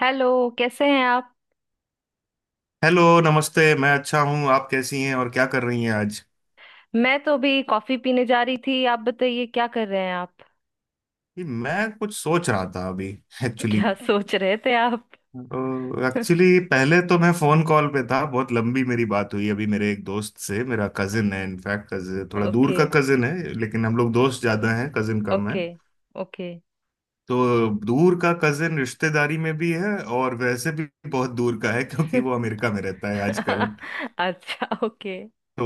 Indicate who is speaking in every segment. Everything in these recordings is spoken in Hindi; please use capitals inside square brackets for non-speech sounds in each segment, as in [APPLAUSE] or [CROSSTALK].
Speaker 1: हेलो। कैसे हैं आप?
Speaker 2: हेलो, नमस्ते। मैं अच्छा हूँ, आप कैसी हैं और क्या कर रही हैं आज?
Speaker 1: मैं तो अभी कॉफी पीने जा रही थी। आप बताइए, क्या कर रहे हैं आप?
Speaker 2: ये मैं कुछ सोच रहा था अभी।
Speaker 1: [LAUGHS]
Speaker 2: एक्चुअली
Speaker 1: क्या सोच रहे थे आप?
Speaker 2: तो
Speaker 1: [LAUGHS]
Speaker 2: एक्चुअली पहले तो मैं फोन कॉल पे था, बहुत लंबी मेरी बात हुई अभी मेरे एक दोस्त से। मेरा कजिन है, इनफैक्ट कजिन थोड़ा दूर
Speaker 1: ओके।
Speaker 2: का कजिन है, लेकिन हम लोग दोस्त ज्यादा हैं, कजिन कम है।
Speaker 1: ओके। ओके।
Speaker 2: तो दूर का कजिन रिश्तेदारी में भी है और वैसे भी बहुत दूर का है क्योंकि वो
Speaker 1: [LAUGHS]
Speaker 2: अमेरिका में रहता है आजकल।
Speaker 1: अच्छा। ओके।
Speaker 2: तो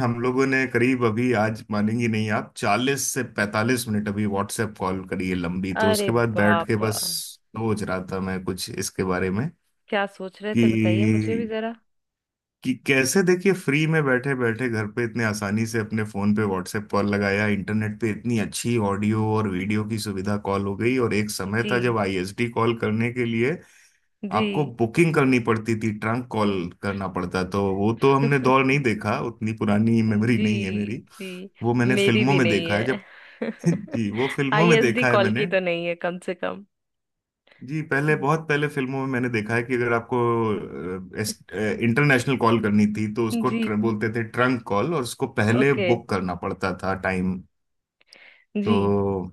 Speaker 2: हम लोगों ने करीब अभी आज, मानेंगी नहीं आप, 40 से 45 मिनट अभी व्हाट्सएप कॉल करी है, लंबी। तो
Speaker 1: अरे
Speaker 2: उसके बाद बैठ के
Speaker 1: बाप!
Speaker 2: बस सोच रहा था मैं कुछ इसके बारे में
Speaker 1: क्या सोच रहे थे बताइए मुझे
Speaker 2: कि
Speaker 1: भी जरा।
Speaker 2: कि कैसे देखिए, फ्री में बैठे बैठे घर पे इतने आसानी से अपने फोन पे व्हाट्सएप कॉल लगाया, इंटरनेट पे इतनी अच्छी ऑडियो और वीडियो की सुविधा, कॉल हो गई। और एक समय था
Speaker 1: जी।
Speaker 2: जब आईएसडी कॉल करने के लिए
Speaker 1: जी।
Speaker 2: आपको बुकिंग करनी पड़ती थी, ट्रंक कॉल करना पड़ता। तो वो तो हमने दौर
Speaker 1: [LAUGHS]
Speaker 2: नहीं देखा, उतनी पुरानी मेमोरी नहीं है
Speaker 1: जी।
Speaker 2: मेरी।
Speaker 1: जी।
Speaker 2: वो मैंने
Speaker 1: मेरी
Speaker 2: फिल्मों
Speaker 1: भी
Speaker 2: में
Speaker 1: नहीं
Speaker 2: देखा है जब
Speaker 1: है।
Speaker 2: [LAUGHS] जी, वो
Speaker 1: [LAUGHS]
Speaker 2: फिल्मों में
Speaker 1: आईएसडी
Speaker 2: देखा है
Speaker 1: कॉल
Speaker 2: मैंने।
Speaker 1: की तो नहीं है कम से कम।
Speaker 2: जी, पहले, बहुत पहले फिल्मों में मैंने देखा है कि अगर आपको इंटरनेशनल कॉल करनी थी तो उसको
Speaker 1: जी।
Speaker 2: बोलते थे ट्रंक कॉल, और उसको पहले
Speaker 1: ओके।
Speaker 2: बुक करना पड़ता था, टाइम।
Speaker 1: जी।
Speaker 2: तो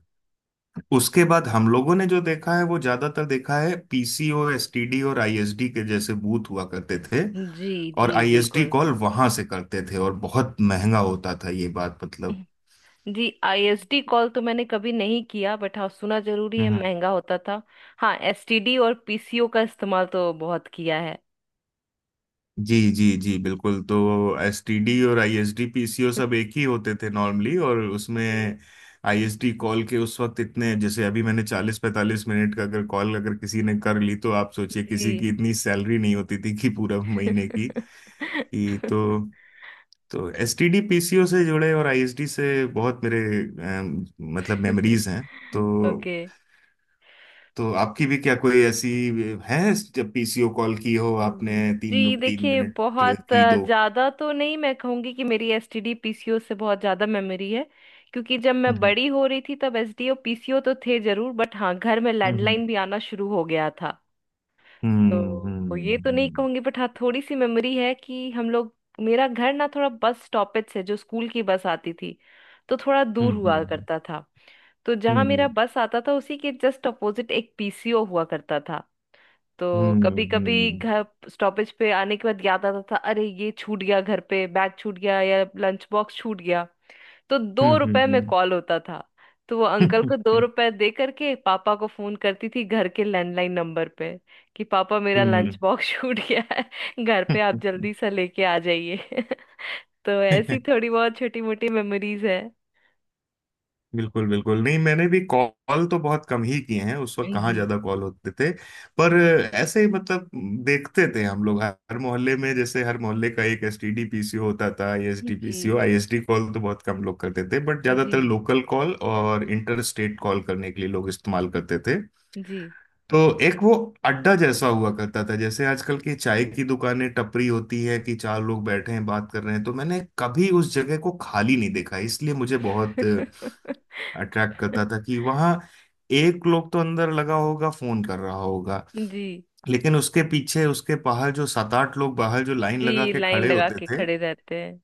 Speaker 2: उसके बाद हम लोगों ने जो देखा है वो ज्यादातर देखा है पीसीओ, एसटीडी और आईएसडी के जैसे बूथ हुआ करते थे।
Speaker 1: जी।
Speaker 2: और
Speaker 1: जी।
Speaker 2: आईएसडी
Speaker 1: बिल्कुल।
Speaker 2: कॉल वहां से करते थे और बहुत महंगा होता था ये बात, मतलब।
Speaker 1: जी, आईएसडी कॉल तो मैंने कभी नहीं किया, बट हाँ, सुना जरूरी है,
Speaker 2: हम्म।
Speaker 1: महंगा होता था। हाँ, एसटीडी और पीसीओ का इस्तेमाल तो बहुत किया है।
Speaker 2: जी जी जी, बिल्कुल। तो एसटीडी और आईएसडी पीसीओ सब एक ही होते थे नॉर्मली, और
Speaker 1: जी।
Speaker 2: उसमें आईएसडी कॉल के उस वक्त इतने, जैसे अभी मैंने 40 45 मिनट का अगर कॉल अगर किसी ने कर ली, तो आप सोचिए किसी
Speaker 1: जी।
Speaker 2: की इतनी सैलरी नहीं होती थी कि पूरा महीने की कि तो
Speaker 1: [LAUGHS]
Speaker 2: तो एसटीडी पीसीओ से जुड़े और आईएसडी से बहुत मेरे, अम, मतलब, मेमोरीज हैं। तो
Speaker 1: ओके।
Speaker 2: तो आपकी भी क्या कोई ऐसी है जब पीसीओ कॉल की हो आपने? तीन
Speaker 1: जी,
Speaker 2: तीन
Speaker 1: देखिए,
Speaker 2: मिनट
Speaker 1: बहुत
Speaker 2: की दो।
Speaker 1: ज्यादा तो नहीं, मैं कहूंगी कि मेरी एसटीडी पीसीओ से बहुत ज्यादा मेमोरी है। क्योंकि जब मैं
Speaker 2: हम्म।
Speaker 1: बड़ी हो रही थी तब एसडी और पीसीओ तो थे जरूर, बट हाँ, घर में
Speaker 2: हम्म।
Speaker 1: लैंडलाइन भी आना शुरू हो गया था।
Speaker 2: हम्म।
Speaker 1: तो वो, ये तो नहीं
Speaker 2: हम्म।
Speaker 1: कहूंगी, बट हाँ, थोड़ी सी मेमोरी है कि हम लोग। मेरा घर ना थोड़ा बस स्टॉपेज से, जो स्कूल की बस आती थी, तो थोड़ा दूर
Speaker 2: हम्म।
Speaker 1: हुआ
Speaker 2: हम्म।
Speaker 1: करता था। तो जहाँ मेरा
Speaker 2: हम्म।
Speaker 1: बस आता था, उसी के जस्ट अपोजिट एक पीसीओ हुआ करता था। तो कभी कभी
Speaker 2: हम्म।
Speaker 1: घर स्टॉपेज पे आने के बाद याद आता था, अरे ये छूट गया, घर पे बैग छूट गया या लंच बॉक्स छूट गया। तो 2 रुपए में
Speaker 2: हम्म।
Speaker 1: कॉल होता था। तो वो अंकल को 2 रुपए दे करके पापा को फोन करती थी घर के लैंडलाइन नंबर पे, कि पापा मेरा लंच
Speaker 2: हम्म।
Speaker 1: बॉक्स [LAUGHS] छूट गया है घर पे, आप जल्दी से लेके आ जाइए। [LAUGHS] तो
Speaker 2: हम्म।
Speaker 1: ऐसी थोड़ी बहुत छोटी मोटी मेमोरीज है।
Speaker 2: बिल्कुल बिल्कुल। नहीं, मैंने भी कॉल तो बहुत कम ही किए हैं, उस वक्त कहाँ
Speaker 1: जी।
Speaker 2: ज्यादा कॉल होते थे। पर
Speaker 1: जी।
Speaker 2: ऐसे ही, मतलब, देखते थे हम लोग हर मोहल्ले में, जैसे हर मोहल्ले का एक एसटीडी पीसीओ होता था, आईएसडी
Speaker 1: जी।
Speaker 2: पीसीओ। आईएसडी कॉल तो बहुत कम लोग करते थे बट
Speaker 1: जी।
Speaker 2: ज्यादातर लोकल कॉल और इंटर स्टेट कॉल करने के लिए लोग इस्तेमाल करते थे।
Speaker 1: जी।
Speaker 2: तो एक वो अड्डा जैसा हुआ करता था, जैसे आजकल की चाय की दुकानें टपरी होती है, कि चार लोग बैठे हैं बात कर रहे हैं। तो मैंने कभी उस जगह को खाली नहीं देखा, इसलिए मुझे बहुत अट्रैक्ट करता था,
Speaker 1: [LAUGHS]
Speaker 2: कि वहां एक लोग तो अंदर लगा होगा फोन कर रहा होगा,
Speaker 1: जी।
Speaker 2: लेकिन उसके पीछे, उसके बाहर, जो 7 8 लोग बाहर जो लाइन लगा
Speaker 1: जी,
Speaker 2: के
Speaker 1: लाइन
Speaker 2: खड़े
Speaker 1: लगा
Speaker 2: होते
Speaker 1: के
Speaker 2: थे,
Speaker 1: खड़े रहते हैं।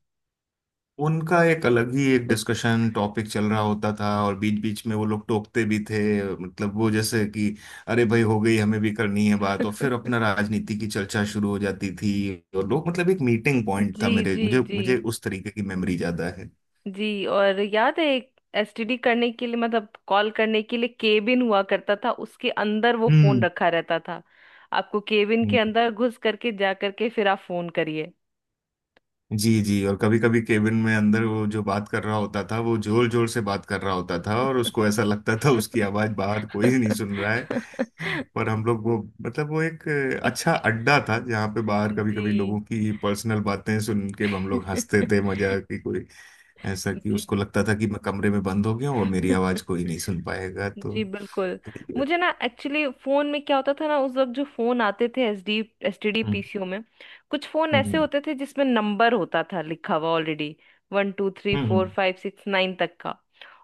Speaker 2: उनका एक अलग ही एक डिस्कशन टॉपिक चल रहा होता था, और बीच बीच में वो लोग टोकते भी थे, मतलब वो जैसे कि अरे भाई हो गई, हमें भी करनी है बात, और फिर अपना
Speaker 1: [LAUGHS]
Speaker 2: राजनीति की चर्चा शुरू हो जाती थी। और लोग, मतलब, एक मीटिंग पॉइंट था
Speaker 1: जी।
Speaker 2: मेरे,
Speaker 1: जी।
Speaker 2: मुझे
Speaker 1: जी।
Speaker 2: मुझे उस तरीके की मेमोरी ज्यादा है।
Speaker 1: जी, और याद है एक एसटीडी करने के लिए, मतलब कॉल करने के लिए केबिन हुआ करता था, उसके अंदर वो फोन रखा रहता था। आपको केबिन के
Speaker 2: हम्म।
Speaker 1: अंदर घुस करके, जा करके फिर आप फोन करिए।
Speaker 2: जी जी, और कभी कभी केबिन में अंदर वो जो बात कर रहा होता था वो जोर जोर से बात कर रहा होता था, और उसको ऐसा
Speaker 1: [LAUGHS]
Speaker 2: लगता था उसकी आवाज बाहर कोई नहीं सुन रहा है। पर हम लोग वो, मतलब वो एक अच्छा अड्डा था जहाँ पे बाहर कभी कभी
Speaker 1: जी।
Speaker 2: लोगों की पर्सनल बातें सुन के हम लोग हंसते थे,
Speaker 1: [LAUGHS]
Speaker 2: मजा की कोई, ऐसा कि
Speaker 1: जी।
Speaker 2: उसको लगता था कि मैं कमरे में बंद हो गया हूँ और मेरी आवाज कोई नहीं सुन पाएगा, तो।
Speaker 1: जी, बिल्कुल। मुझे ना एक्चुअली फोन में क्या होता था ना, उस वक्त जो फोन आते थे एसडी एसटीडी
Speaker 2: हम्म।
Speaker 1: पीसीओ में, कुछ फोन ऐसे
Speaker 2: हम्म।
Speaker 1: होते थे जिसमें नंबर होता था लिखा हुआ ऑलरेडी, वन टू थ्री
Speaker 2: हम्म।
Speaker 1: फोर
Speaker 2: हम्म।
Speaker 1: फाइव सिक्स नाइन तक का।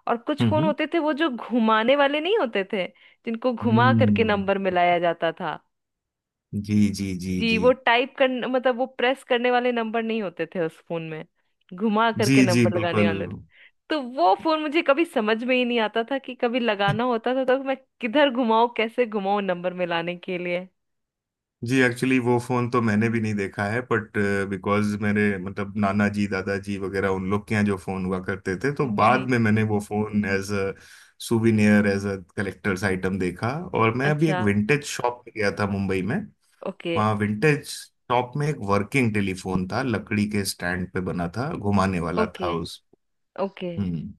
Speaker 1: और कुछ फोन
Speaker 2: हम्म।
Speaker 1: होते थे वो जो घुमाने वाले नहीं होते थे, जिनको घुमा करके
Speaker 2: हम्म।
Speaker 1: नंबर मिलाया जाता था।
Speaker 2: जी जी जी
Speaker 1: जी,
Speaker 2: जी।
Speaker 1: वो टाइप कर, मतलब वो प्रेस करने वाले नंबर नहीं होते थे उस फोन में, घुमा
Speaker 2: जी
Speaker 1: करके
Speaker 2: जी,
Speaker 1: नंबर लगाने
Speaker 2: बिल्कुल।
Speaker 1: वाले थे। तो वो फोन मुझे कभी समझ में ही नहीं आता था कि कभी लगाना
Speaker 2: [LAUGHS]
Speaker 1: होता था तो मैं किधर घुमाऊं, कैसे घुमाऊं नंबर मिलाने के लिए।
Speaker 2: जी, एक्चुअली वो फोन तो मैंने भी नहीं देखा है बट, बिकॉज मेरे, मतलब, नाना जी दादाजी वगैरह उन लोग के यहाँ जो फोन हुआ करते थे, तो
Speaker 1: जी।
Speaker 2: बाद में मैंने वो phone as a souvenir, as a collector's item देखा। और मैं अभी
Speaker 1: अच्छा।
Speaker 2: एक विंटेज शॉप में गया था मुंबई में,
Speaker 1: ओके।
Speaker 2: वहाँ विंटेज शॉप में एक वर्किंग टेलीफोन था, लकड़ी के स्टैंड पे बना था, घुमाने वाला
Speaker 1: ओके।
Speaker 2: था उस।
Speaker 1: ओके।
Speaker 2: हम्म।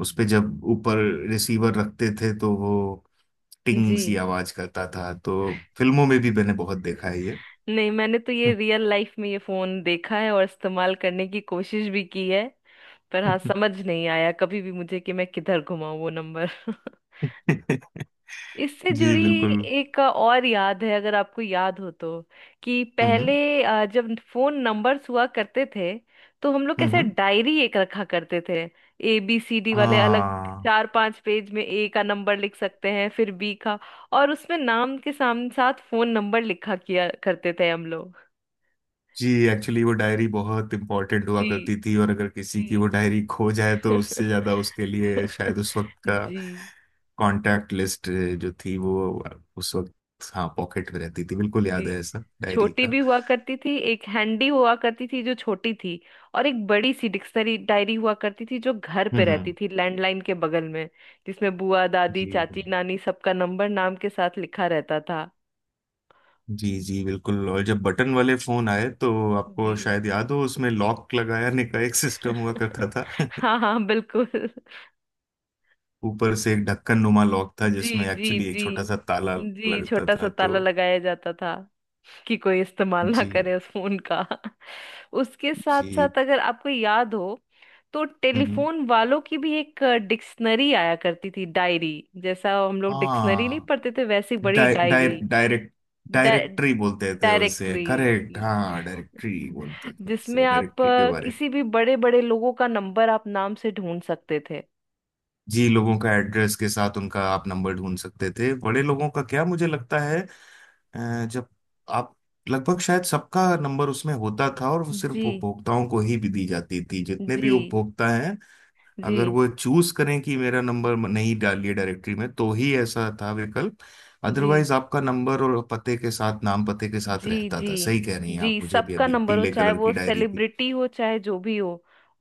Speaker 2: उस पे जब ऊपर रिसीवर रखते थे तो वो टिंग
Speaker 1: जी।
Speaker 2: सी आवाज करता था, तो फिल्मों में भी मैंने बहुत देखा है ये।
Speaker 1: नहीं, मैंने तो ये रियल लाइफ में ये फोन देखा है और इस्तेमाल करने की कोशिश भी की है। पर हाँ, समझ नहीं आया कभी भी मुझे कि मैं किधर घुमाऊं वो नंबर। [LAUGHS]
Speaker 2: [LAUGHS]
Speaker 1: इससे
Speaker 2: जी
Speaker 1: जुड़ी
Speaker 2: बिल्कुल।
Speaker 1: एक और याद है, अगर आपको याद हो, तो कि
Speaker 2: हम्म।
Speaker 1: पहले जब फोन नंबर्स हुआ करते थे, तो हम लोग
Speaker 2: हम्म।
Speaker 1: कैसे
Speaker 2: हम्म।
Speaker 1: डायरी एक रखा करते थे, ABCD वाले अलग।
Speaker 2: हाँ।
Speaker 1: चार पांच पेज में ए का नंबर लिख सकते हैं, फिर बी का। और उसमें नाम के सामने साथ फोन नंबर लिखा किया करते थे हम लोग।
Speaker 2: जी, एक्चुअली वो डायरी बहुत इम्पोर्टेंट हुआ करती
Speaker 1: जी।
Speaker 2: थी, और अगर किसी की वो
Speaker 1: जी।
Speaker 2: डायरी खो जाए तो उससे ज्यादा उसके लिए शायद
Speaker 1: [LAUGHS]
Speaker 2: उस वक्त का
Speaker 1: जी।
Speaker 2: कांटेक्ट लिस्ट जो थी, वो उस वक्त, हाँ, पॉकेट में रहती थी। बिल्कुल
Speaker 1: जी।
Speaker 2: याद है ऐसा डायरी
Speaker 1: छोटी
Speaker 2: का।
Speaker 1: भी हुआ करती थी, एक हैंडी हुआ करती थी जो छोटी थी। और एक बड़ी सी डिक्शनरी डायरी हुआ करती थी जो घर पे
Speaker 2: हम्म।
Speaker 1: रहती थी, लैंडलाइन के बगल में। जिसमें बुआ, दादी,
Speaker 2: जी
Speaker 1: चाची, नानी, सबका नंबर नाम के साथ लिखा रहता था।
Speaker 2: जी जी बिल्कुल। और जब बटन वाले फोन आए तो
Speaker 1: जी।
Speaker 2: आपको शायद याद हो उसमें लॉक लगाने का एक सिस्टम हुआ
Speaker 1: [LAUGHS]
Speaker 2: करता था,
Speaker 1: हाँ, हाँ, बिल्कुल। [LAUGHS]
Speaker 2: ऊपर से एक ढक्कन नुमा लॉक था
Speaker 1: जी।
Speaker 2: जिसमें
Speaker 1: जी।
Speaker 2: एक्चुअली एक
Speaker 1: जी।
Speaker 2: छोटा सा ताला
Speaker 1: जी,
Speaker 2: लगता
Speaker 1: छोटा सा
Speaker 2: था,
Speaker 1: ताला
Speaker 2: तो।
Speaker 1: लगाया जाता था कि कोई इस्तेमाल ना
Speaker 2: जी
Speaker 1: करे उस फोन का। उसके साथ
Speaker 2: जी।
Speaker 1: साथ, अगर आपको याद हो, तो
Speaker 2: हम्म। हम्म।
Speaker 1: टेलीफोन वालों की भी एक डिक्शनरी आया करती थी, डायरी जैसा। हम लोग डिक्शनरी नहीं
Speaker 2: हाँ,
Speaker 1: पढ़ते थे, वैसी बड़ी
Speaker 2: di di
Speaker 1: diary,
Speaker 2: direct directory बोलते थे उसे,
Speaker 1: डायरेक्टरी,
Speaker 2: करेक्ट, हाँ डायरेक्टरी बोलते थे
Speaker 1: जिसमें
Speaker 2: उसे,
Speaker 1: आप
Speaker 2: डायरेक्टरी के बारे में।
Speaker 1: किसी भी बड़े बड़े लोगों का नंबर आप नाम से ढूंढ सकते थे।
Speaker 2: जी, लोगों का एड्रेस के साथ उनका आप नंबर ढूंढ सकते थे, बड़े लोगों का क्या, मुझे लगता है जब आप लगभग शायद सबका नंबर उसमें होता था, और वो
Speaker 1: जी।
Speaker 2: सिर्फ उपभोक्ताओं को ही भी दी जाती थी, जितने भी
Speaker 1: जी।
Speaker 2: उपभोक्ता हैं।
Speaker 1: जी।
Speaker 2: अगर
Speaker 1: जी।
Speaker 2: वो चूज करें कि मेरा नंबर नहीं डालिए डायरेक्टरी में तो ही ऐसा था विकल्प,
Speaker 1: जी।
Speaker 2: अदरवाइज आपका नंबर और पते के साथ, नाम पते के साथ
Speaker 1: जी।
Speaker 2: रहता
Speaker 1: जी।
Speaker 2: था। सही कह रही हैं
Speaker 1: जी।
Speaker 2: आप, मुझे भी,
Speaker 1: सबका
Speaker 2: अभी
Speaker 1: नंबर हो,
Speaker 2: पीले
Speaker 1: चाहे
Speaker 2: कलर की
Speaker 1: वो
Speaker 2: डायरी थी।
Speaker 1: सेलिब्रिटी हो, चाहे जो भी हो।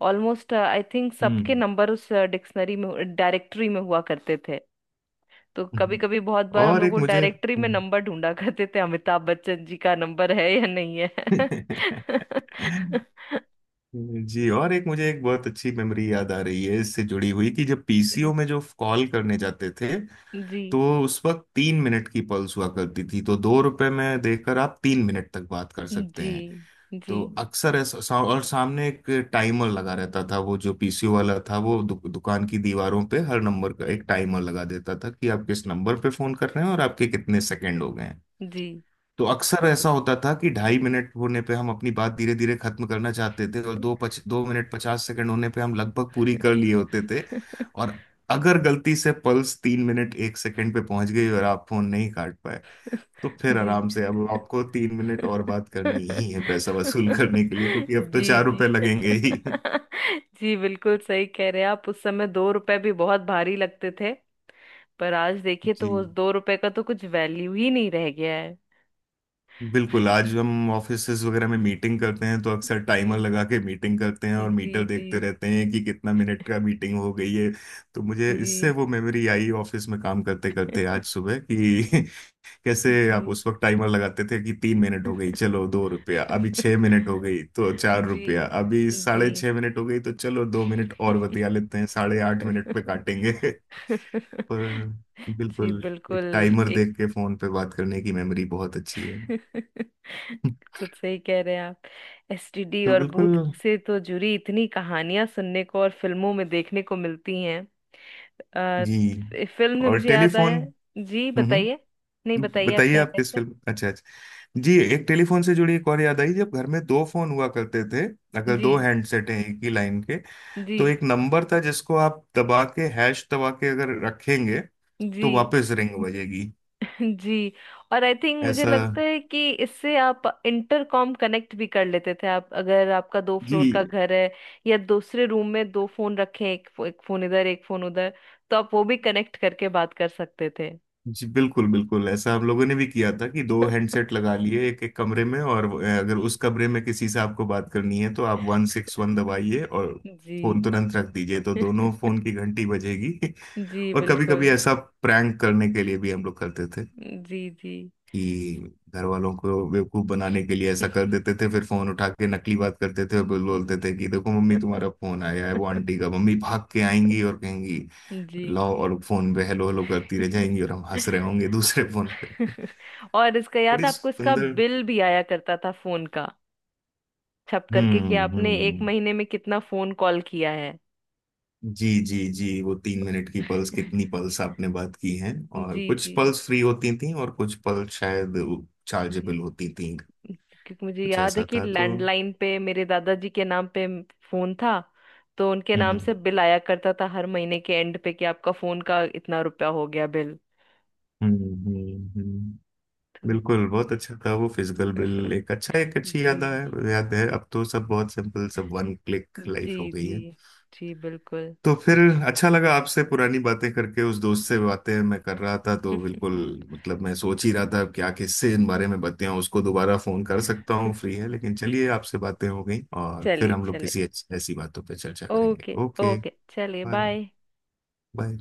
Speaker 1: ऑलमोस्ट आई थिंक सबके
Speaker 2: हम्म।
Speaker 1: नंबर उस डिक्शनरी में, डायरेक्टरी में हुआ करते थे। तो कभी
Speaker 2: हम्म।
Speaker 1: कभी, बहुत बार हम
Speaker 2: और
Speaker 1: लोग
Speaker 2: एक
Speaker 1: वो
Speaker 2: मुझे,
Speaker 1: डायरेक्टरी में
Speaker 2: हम्म।
Speaker 1: नंबर ढूंढा करते थे, अमिताभ बच्चन जी का नंबर है या नहीं है।
Speaker 2: [LAUGHS]
Speaker 1: [LAUGHS]
Speaker 2: जी, और एक मुझे एक बहुत अच्छी मेमोरी याद आ रही है इससे जुड़ी हुई कि जब पीसीओ
Speaker 1: जी।
Speaker 2: में जो कॉल करने जाते थे,
Speaker 1: जी।
Speaker 2: तो उस वक्त 3 मिनट की पल्स हुआ करती थी, तो 2 रुपए में देकर आप 3 मिनट तक बात कर
Speaker 1: जी।
Speaker 2: सकते हैं।
Speaker 1: जी। जी।
Speaker 2: तो अक्सर और सामने एक टाइमर लगा रहता था, वो जो पीसीओ वाला था वो दुकान की दीवारों पे हर नंबर का एक टाइमर लगा देता था कि आप किस नंबर पे फोन कर रहे हैं और आपके कितने सेकंड हो गए हैं।
Speaker 1: जी।
Speaker 2: तो अक्सर ऐसा होता था कि 2.5 मिनट होने पे हम अपनी बात धीरे धीरे खत्म करना चाहते थे, और 2 मिनट 50 सेकंड होने पे हम लगभग पूरी कर लिए होते थे,
Speaker 1: [LAUGHS]
Speaker 2: और अगर गलती से पल्स 3 मिनट 1 सेकंड पे पहुंच गई और आप फोन नहीं काट पाए, तो फिर
Speaker 1: जी।
Speaker 2: आराम से अब आपको 3 मिनट और बात करनी
Speaker 1: [LAUGHS]
Speaker 2: ही है पैसा वसूल करने के लिए, क्योंकि
Speaker 1: [LAUGHS]
Speaker 2: अब तो
Speaker 1: जी।
Speaker 2: चार
Speaker 1: जी।
Speaker 2: रुपए
Speaker 1: [LAUGHS]
Speaker 2: लगेंगे ही।
Speaker 1: जी, बिल्कुल सही कह रहे हैं आप, उस समय 2 रुपए भी बहुत भारी लगते थे। पर आज देखिए
Speaker 2: जी
Speaker 1: तो उस 2 रुपए का तो कुछ वैल्यू ही नहीं रह गया है।
Speaker 2: बिल्कुल, आज हम ऑफिसेज वगैरह में मीटिंग करते हैं तो अक्सर टाइमर
Speaker 1: जी।
Speaker 2: लगा के मीटिंग करते हैं, और
Speaker 1: जी।
Speaker 2: मीटर
Speaker 1: जी।
Speaker 2: देखते रहते हैं कि कितना मिनट का मीटिंग हो गई है। तो मुझे इससे
Speaker 1: जी।
Speaker 2: वो मेमोरी आई ऑफिस में काम करते करते आज
Speaker 1: [LAUGHS]
Speaker 2: सुबह कि [LAUGHS] कैसे आप
Speaker 1: जी।
Speaker 2: उस वक्त टाइमर लगाते थे कि 3 मिनट हो गई चलो
Speaker 1: [LAUGHS]
Speaker 2: 2 रुपया, अभी 6 मिनट हो गई तो चार
Speaker 1: जी।
Speaker 2: रुपया अभी साढ़े
Speaker 1: जी।
Speaker 2: छह मिनट हो गई तो चलो 2 मिनट और बतिया लेते हैं, 8.5 मिनट पे
Speaker 1: [LAUGHS]
Speaker 2: काटेंगे। [LAUGHS] पर
Speaker 1: जी,
Speaker 2: बिल्कुल,
Speaker 1: बिल्कुल।
Speaker 2: एक टाइमर
Speaker 1: एक
Speaker 2: देख के फोन पे बात करने की मेमोरी बहुत अच्छी है। [LAUGHS]
Speaker 1: कुछ सही कह रहे हैं आप, एसटीडी
Speaker 2: तो
Speaker 1: और
Speaker 2: बिल्कुल
Speaker 1: बूथ से तो जुड़ी इतनी कहानियां सुनने को और फिल्मों में देखने को मिलती हैं। अ,
Speaker 2: जी,
Speaker 1: इस फिल्म से
Speaker 2: और
Speaker 1: मुझे याद
Speaker 2: टेलीफोन।
Speaker 1: आया। जी,
Speaker 2: हम्म,
Speaker 1: बताइए। नहीं, बताइए आप
Speaker 2: बताइए
Speaker 1: क्या
Speaker 2: आप किस
Speaker 1: कहते
Speaker 2: फिल्म, अच्छा अच्छा। जी, एक टेलीफोन से जुड़ी एक और याद आई जब घर में दो फोन हुआ करते थे,
Speaker 1: हैं।
Speaker 2: अगर
Speaker 1: जी।
Speaker 2: दो हैंडसेट हैं एक ही लाइन के,
Speaker 1: जी।
Speaker 2: तो एक नंबर था जिसको आप दबा के, हैश दबा के अगर रखेंगे,
Speaker 1: जी।
Speaker 2: तो वापस रिंग बजेगी।
Speaker 1: जी, और आई थिंक, मुझे
Speaker 2: ऐसा।
Speaker 1: लगता है कि इससे आप इंटरकॉम कनेक्ट भी कर लेते थे, आप अगर आपका दो फ्लोर का
Speaker 2: जी
Speaker 1: घर है या दूसरे रूम में दो फोन रखे हैं, एक फोन इधर, एक फोन उधर। तो आप वो भी कनेक्ट करके बात कर सकते थे।
Speaker 2: जी बिल्कुल बिल्कुल, ऐसा हम लोगों ने भी किया था कि दो हैंडसेट लगा लिए एक एक कमरे में, और अगर
Speaker 1: जी।
Speaker 2: उस कमरे में किसी से आपको बात करनी है तो आप 161 दबाइए और फोन तुरंत रख दीजिए, तो
Speaker 1: [LAUGHS]
Speaker 2: दोनों फोन की घंटी बजेगी। [LAUGHS]
Speaker 1: जी,
Speaker 2: और कभी कभी
Speaker 1: बिल्कुल।
Speaker 2: ऐसा प्रैंक करने के लिए भी हम लोग करते थे,
Speaker 1: जी। जी।
Speaker 2: कि घर वालों को बेवकूफ बनाने के लिए ऐसा कर
Speaker 1: [LAUGHS]
Speaker 2: देते थे, फिर फोन उठा के नकली बात करते थे, और बोलते थे कि देखो मम्मी तुम्हारा फोन आया है वो आंटी का, मम्मी भाग के आएंगी और कहेंगी
Speaker 1: जी।
Speaker 2: लाओ, और फोन पे हेलो हेलो करती रह जाएंगी और हम हंस रहे
Speaker 1: [LAUGHS]
Speaker 2: होंगे दूसरे फोन पे।
Speaker 1: और इसका
Speaker 2: [LAUGHS]
Speaker 1: याद
Speaker 2: बड़ी
Speaker 1: है आपको, इसका
Speaker 2: सुंदर।
Speaker 1: बिल भी आया करता था फोन का, छप करके, कि
Speaker 2: हम्म।
Speaker 1: आपने एक
Speaker 2: हम्म।
Speaker 1: महीने में कितना फोन कॉल किया है।
Speaker 2: जी जी जी, वो 3 मिनट की पल्स, कितनी पल्स आपने बात की हैं, और
Speaker 1: जी।
Speaker 2: कुछ
Speaker 1: जी।
Speaker 2: पल्स फ्री होती थी और कुछ पल्स शायद
Speaker 1: जी,
Speaker 2: चार्जेबल होती थी,
Speaker 1: क्योंकि मुझे
Speaker 2: कुछ
Speaker 1: याद है
Speaker 2: ऐसा
Speaker 1: कि
Speaker 2: था तो।
Speaker 1: लैंडलाइन पे मेरे दादाजी के नाम पे फोन था। तो उनके नाम
Speaker 2: हम्म।
Speaker 1: से बिल आया करता था हर महीने के एंड पे, कि आपका फोन का इतना रुपया हो गया बिल।
Speaker 2: हम्म। हम्म।
Speaker 1: तो।
Speaker 2: बिल्कुल बहुत अच्छा था वो फिजिकल बिल, एक अच्छा एक अच्छी याद
Speaker 1: जी।
Speaker 2: है, याद है। अब तो सब बहुत सिंपल, सब वन क्लिक
Speaker 1: जी।
Speaker 2: लाइफ हो गई
Speaker 1: जी।
Speaker 2: है।
Speaker 1: जी, बिल्कुल।
Speaker 2: तो फिर अच्छा लगा आपसे पुरानी बातें करके, उस दोस्त से बातें मैं कर रहा था तो बिल्कुल,
Speaker 1: [LAUGHS]
Speaker 2: मतलब मैं सोच ही रहा था क्या किससे इन बारे में बातें हों, उसको दोबारा फोन कर सकता हूँ फ्री है, लेकिन चलिए आपसे बातें हो गई, और फिर
Speaker 1: चलिए,
Speaker 2: हम लोग
Speaker 1: चलिए।
Speaker 2: किसी ऐसी बातों पर चर्चा करेंगे।
Speaker 1: ओके।
Speaker 2: ओके।
Speaker 1: ओके, चलिए।
Speaker 2: बाय।
Speaker 1: बाय।
Speaker 2: बाय।